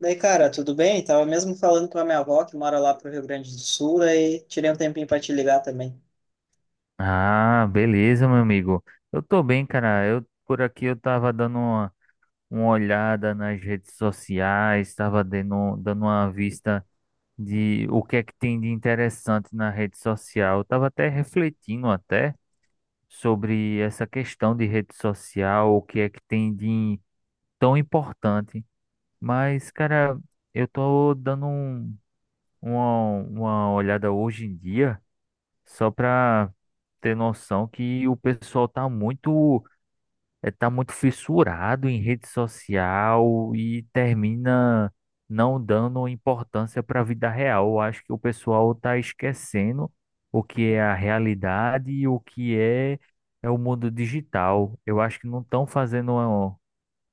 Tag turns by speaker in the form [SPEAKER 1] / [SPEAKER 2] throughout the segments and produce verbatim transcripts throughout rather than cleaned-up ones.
[SPEAKER 1] Daí, cara, tudo bem? Tava mesmo falando com a minha avó, que mora lá pro Rio Grande do Sul, aí tirei um tempinho para te ligar também.
[SPEAKER 2] Ah, beleza, meu amigo. Eu tô bem, cara. Eu por aqui eu tava dando uma, uma olhada nas redes sociais, tava dando, dando uma vista de o que é que tem de interessante na rede social. Eu tava até refletindo até sobre essa questão de rede social, o que é que tem de tão importante. Mas, cara, eu tô dando um- uma, uma olhada hoje em dia. Só para ter noção que o pessoal tá muito, eh, tá muito fissurado em rede social e termina não dando importância para a vida real. Eu acho que o pessoal tá esquecendo o que é a realidade e o que é, é o mundo digital. Eu acho que não estão fazendo uma,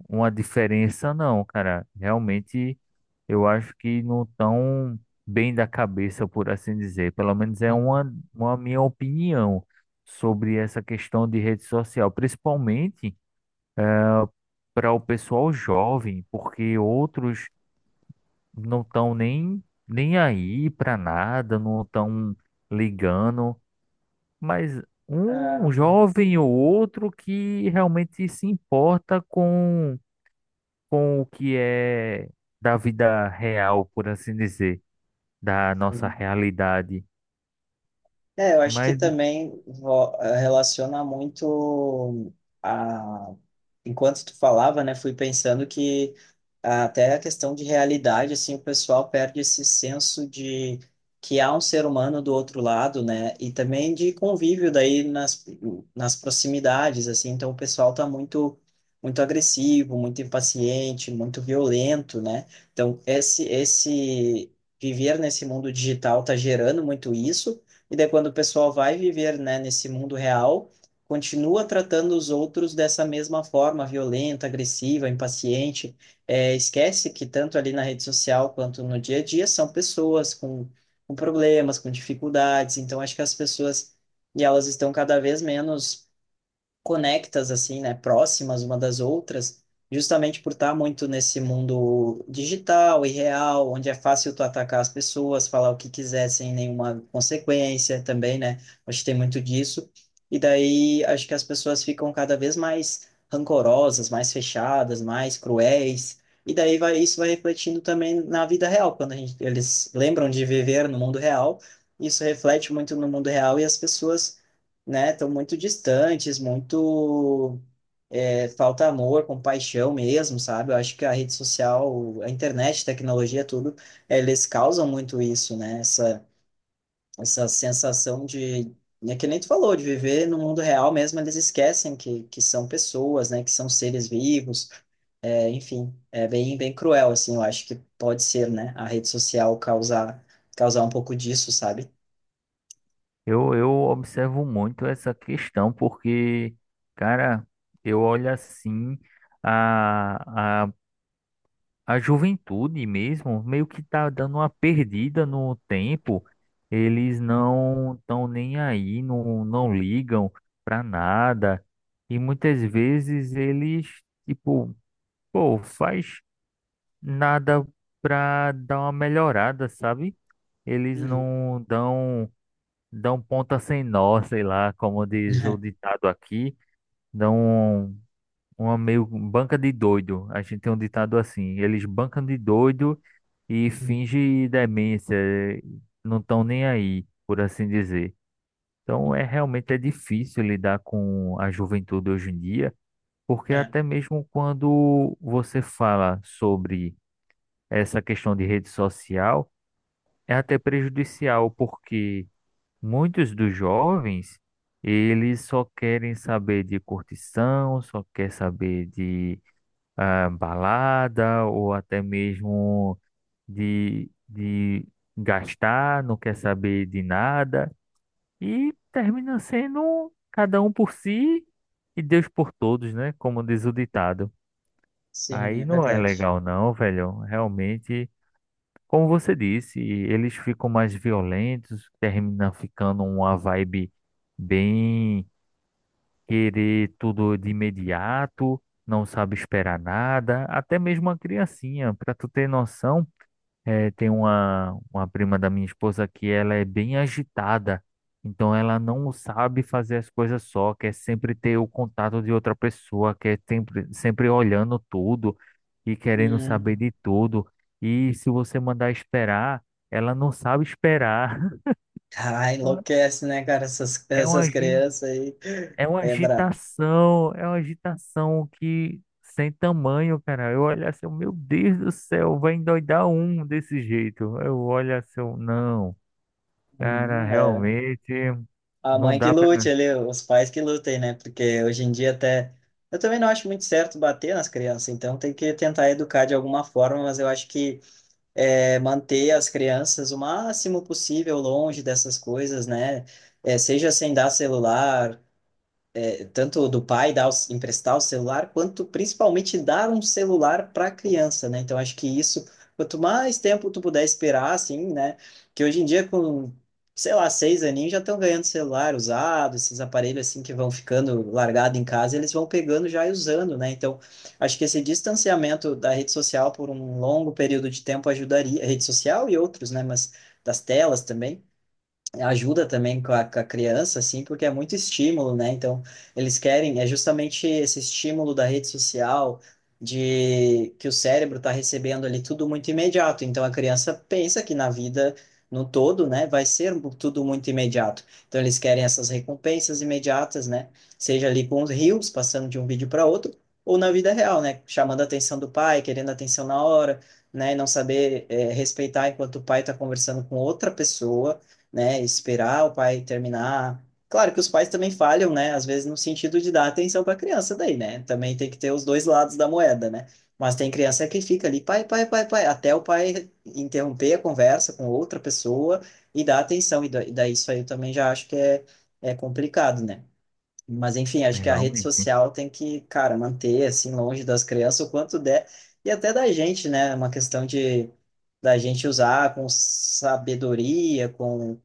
[SPEAKER 2] uma diferença, não, cara. Realmente eu acho que não tão bem da cabeça, por assim dizer. Pelo menos é
[SPEAKER 1] Uhum.
[SPEAKER 2] uma, uma minha opinião sobre essa questão de rede social, principalmente para o pessoal jovem, porque outros não estão nem, nem aí para nada, não estão ligando, mas
[SPEAKER 1] Ah,
[SPEAKER 2] um jovem ou outro que realmente se importa com, com o que é da vida real, por assim dizer. Da nossa realidade.
[SPEAKER 1] é, eu acho que
[SPEAKER 2] Mas
[SPEAKER 1] também vo- eh, relaciona muito a... Enquanto tu falava, né, fui pensando que até a questão de realidade, assim, o pessoal perde esse senso de que há um ser humano do outro lado, né, e também de convívio daí nas, nas proximidades, assim, então o pessoal tá muito, muito agressivo, muito impaciente, muito violento, né, então esse, esse viver nesse mundo digital tá gerando muito isso, e daí quando o pessoal vai viver, né, nesse mundo real, continua tratando os outros dessa mesma forma, violenta, agressiva, impaciente. É, esquece que tanto ali na rede social quanto no dia a dia são pessoas com, com problemas, com dificuldades. Então acho que as pessoas e elas estão cada vez menos conectas assim, né, próximas uma das outras, justamente por estar muito nesse mundo digital e real, onde é fácil tu atacar as pessoas, falar o que quiser sem nenhuma consequência também, né? Acho que tem muito disso. E daí acho que as pessoas ficam cada vez mais rancorosas, mais fechadas, mais cruéis. E daí vai, isso vai refletindo também na vida real, quando a gente, eles lembram de viver no mundo real, isso reflete muito no mundo real e as pessoas, né, estão muito distantes, muito, é, falta amor, compaixão mesmo, sabe? Eu acho que a rede social, a internet, tecnologia, tudo, eles causam muito isso, né? Essa, essa sensação de, é que nem tu falou, de viver no mundo real mesmo, eles esquecem que, que são pessoas, né? Que são seres vivos, é, enfim, é bem, bem cruel, assim, eu acho que pode ser, né? A rede social causar, causar um pouco disso, sabe?
[SPEAKER 2] eu, eu observo muito essa questão, porque, cara, eu olho assim a, a, a juventude mesmo, meio que tá dando uma perdida no tempo. Eles não estão nem aí, não, não ligam pra nada. E muitas vezes eles, tipo, pô, faz nada pra dar uma melhorada, sabe? Eles
[SPEAKER 1] Uhum.
[SPEAKER 2] não dão dão ponta sem nó, sei lá, como diz o ditado aqui, dão um, uma meio um banca de doido. A gente tem um ditado assim, eles bancam de doido e finge demência, eh, não estão nem aí, por assim dizer. Então é realmente é difícil lidar com a juventude hoje em dia, porque
[SPEAKER 1] É,
[SPEAKER 2] até mesmo quando você fala sobre essa questão de rede social, é até prejudicial, porque muitos dos jovens, eles só querem saber de curtição, só quer saber de ah, balada ou até mesmo de, de gastar, não quer saber de nada e termina sendo cada um por si e Deus por todos, né? Como diz o ditado.
[SPEAKER 1] sim,
[SPEAKER 2] Aí
[SPEAKER 1] é
[SPEAKER 2] não é
[SPEAKER 1] verdade.
[SPEAKER 2] legal não, velho. Realmente como você disse, eles ficam mais violentos, termina ficando uma vibe bem querer tudo de imediato, não sabe esperar nada, até mesmo a criancinha, para tu ter noção. É, tem uma, uma prima da minha esposa que ela é bem agitada, então ela não sabe fazer as coisas só, quer sempre ter o contato de outra pessoa, quer sempre, sempre olhando tudo e querendo saber
[SPEAKER 1] Hum.
[SPEAKER 2] de tudo. E se você mandar esperar, ela não sabe esperar.
[SPEAKER 1] Ah, enlouquece, né, cara? Essas,
[SPEAKER 2] É uma,
[SPEAKER 1] essas
[SPEAKER 2] agi-
[SPEAKER 1] crianças aí.
[SPEAKER 2] é uma
[SPEAKER 1] É brabo.
[SPEAKER 2] agitação, é uma agitação que sem tamanho, cara. Eu olho assim, meu Deus do céu, vai endoidar um desse jeito. Eu olho assim, eu, não. Cara,
[SPEAKER 1] Uhum, é.
[SPEAKER 2] realmente
[SPEAKER 1] A
[SPEAKER 2] não
[SPEAKER 1] mãe que
[SPEAKER 2] dá pra.
[SPEAKER 1] lute ali, os pais que lutem, né? Porque hoje em dia até. Eu também não acho muito certo bater nas crianças, então tem que tentar educar de alguma forma, mas eu acho que é, manter as crianças o máximo possível longe dessas coisas, né? É, seja sem dar celular, é, tanto do pai dar, o- emprestar o celular, quanto principalmente dar um celular para a criança, né? Então acho que isso, quanto mais tempo tu puder esperar, assim, né? Que hoje em dia com, sei lá, seis aninhos já estão ganhando celular usado, esses aparelhos assim que vão ficando largado em casa, eles vão pegando já e usando, né? Então acho que esse distanciamento da rede social por um longo período de tempo ajudaria, a rede social e outros, né? Mas das telas também ajuda também com a, com a criança, assim, porque é muito estímulo, né? Então, eles querem, é justamente esse estímulo da rede social, de que o cérebro está recebendo ali tudo muito imediato. Então, a criança pensa que na vida no todo, né, vai ser um, tudo muito imediato. Então, eles querem essas recompensas imediatas, né? Seja ali com os reels, passando de um vídeo para outro, ou na vida real, né? Chamando a atenção do pai, querendo atenção na hora. Né, e não saber eh, respeitar enquanto o pai está conversando com outra pessoa, né? Esperar o pai terminar. Claro que os pais também falham, né? Às vezes no sentido de dar atenção para a criança daí, né? Também tem que ter os dois lados da moeda, né? Mas tem criança que fica ali, pai, pai, pai, pai, até o pai interromper a conversa com outra pessoa e dar atenção. E da- e daí isso aí eu também já acho que é, é complicado, né? Mas enfim, acho que a rede
[SPEAKER 2] Realmente,
[SPEAKER 1] social tem que, cara, manter assim longe das crianças o quanto der e até da gente, né? É uma questão de da gente usar com sabedoria, com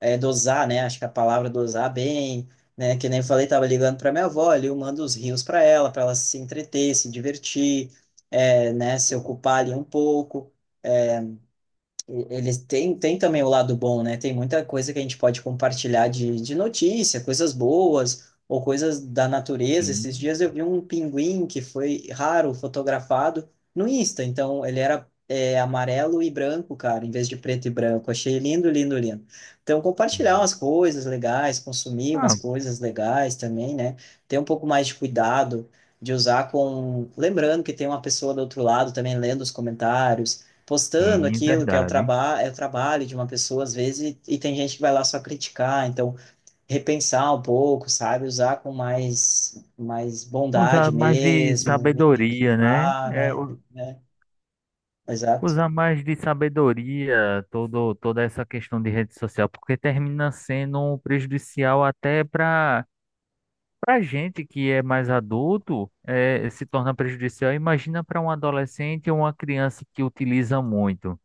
[SPEAKER 1] é, dosar, né? Acho que a palavra dosar bem, né? Que nem eu falei, tava ligando para minha avó ali, eu mando os rios para ela, para ela se entreter, se divertir, é, né? Se ocupar ali um pouco. Eles têm, têm também o lado bom, né? Tem muita coisa que a gente pode compartilhar de, de notícia, coisas boas ou coisas da natureza. Esses
[SPEAKER 2] sim.
[SPEAKER 1] dias eu vi um pinguim que foi raro fotografado no Insta, então ele era é, amarelo e branco, cara, em vez de preto e branco. Achei lindo, lindo, lindo. Então, compartilhar umas coisas legais, consumir umas
[SPEAKER 2] Ah,
[SPEAKER 1] coisas legais também, né? Ter um pouco mais de cuidado de usar com. Lembrando que tem uma pessoa do outro lado também lendo os comentários postando
[SPEAKER 2] sim,
[SPEAKER 1] aquilo que é o,
[SPEAKER 2] verdade.
[SPEAKER 1] traba é o trabalho de uma pessoa, às vezes, e, e tem gente que vai lá só criticar, então repensar um pouco, sabe? Usar com mais, mais bondade
[SPEAKER 2] Usar mais de
[SPEAKER 1] mesmo,
[SPEAKER 2] sabedoria, né?
[SPEAKER 1] incentivar,
[SPEAKER 2] É,
[SPEAKER 1] né?
[SPEAKER 2] u-
[SPEAKER 1] Né? Exato.
[SPEAKER 2] usar mais de sabedoria todo, toda essa questão de rede social, porque termina sendo um prejudicial até para para gente que é mais adulto, é, se torna prejudicial. Imagina para um adolescente ou uma criança que utiliza muito.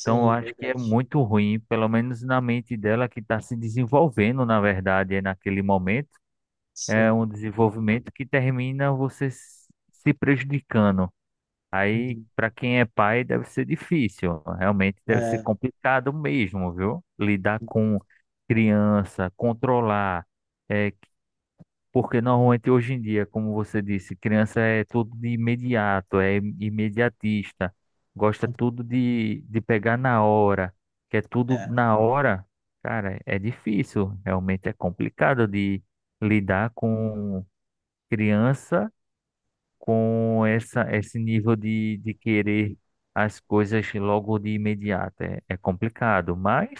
[SPEAKER 2] Então, eu acho que é
[SPEAKER 1] verdade.
[SPEAKER 2] muito ruim, pelo menos na mente dela que está se desenvolvendo, na verdade, é naquele momento. É
[SPEAKER 1] Sim.
[SPEAKER 2] um desenvolvimento que termina você s- se prejudicando. Aí,
[SPEAKER 1] Uhum.
[SPEAKER 2] para quem é pai, deve ser difícil. Realmente deve ser
[SPEAKER 1] É,
[SPEAKER 2] complicado mesmo, viu? Lidar com criança, controlar. É, porque normalmente hoje em dia, como você disse, criança é tudo de imediato, é imediatista, gosta tudo de, de pegar na hora, quer tudo
[SPEAKER 1] é,
[SPEAKER 2] na hora. Cara, é difícil, realmente é complicado de lidar com criança com essa, esse nível de, de querer as coisas logo de imediato. É, é complicado, mas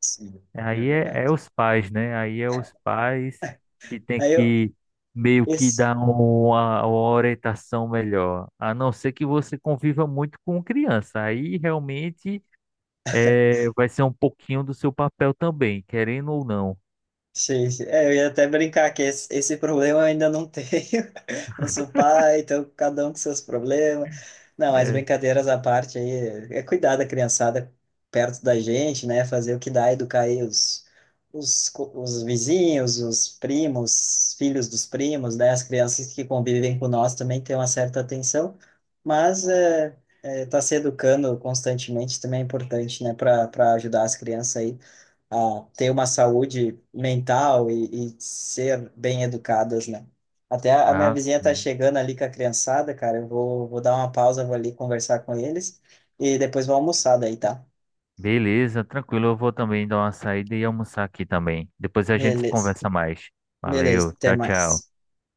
[SPEAKER 1] sim, é
[SPEAKER 2] Aí é, é
[SPEAKER 1] verdade.
[SPEAKER 2] os pais, né? Aí é os pais que tem
[SPEAKER 1] Aí eu,
[SPEAKER 2] que meio que
[SPEAKER 1] esse,
[SPEAKER 2] dar uma, uma orientação melhor. A não ser que você conviva muito com criança. Aí realmente é, vai ser um pouquinho do seu papel também, querendo ou não.
[SPEAKER 1] sim, sim. É, eu ia até brincar que esse, esse problema eu ainda não tenho. Não sou pai, então cada um com seus problemas. Não, mas
[SPEAKER 2] É.
[SPEAKER 1] brincadeiras à parte aí, é cuidar da criançada perto da gente, né? Fazer o que dá, educar aí os, os, co- os vizinhos, os primos, filhos dos primos, né? As crianças que convivem com nós também têm uma certa atenção, mas é, é, tá se educando constantemente também é importante, né? Para para ajudar as crianças aí a ter uma saúde mental e, e ser bem educadas, né? Até a a minha
[SPEAKER 2] Ah,
[SPEAKER 1] vizinha tá
[SPEAKER 2] sim.
[SPEAKER 1] chegando ali com a criançada, cara. Eu vou, vou dar uma pausa, vou ali conversar com eles e depois vou almoçar daí, tá?
[SPEAKER 2] Beleza, tranquilo. Eu vou também dar uma saída e almoçar aqui também. Depois a gente
[SPEAKER 1] Beleza.
[SPEAKER 2] conversa mais. Valeu,
[SPEAKER 1] Beleza, até
[SPEAKER 2] tchau, tchau.
[SPEAKER 1] mais.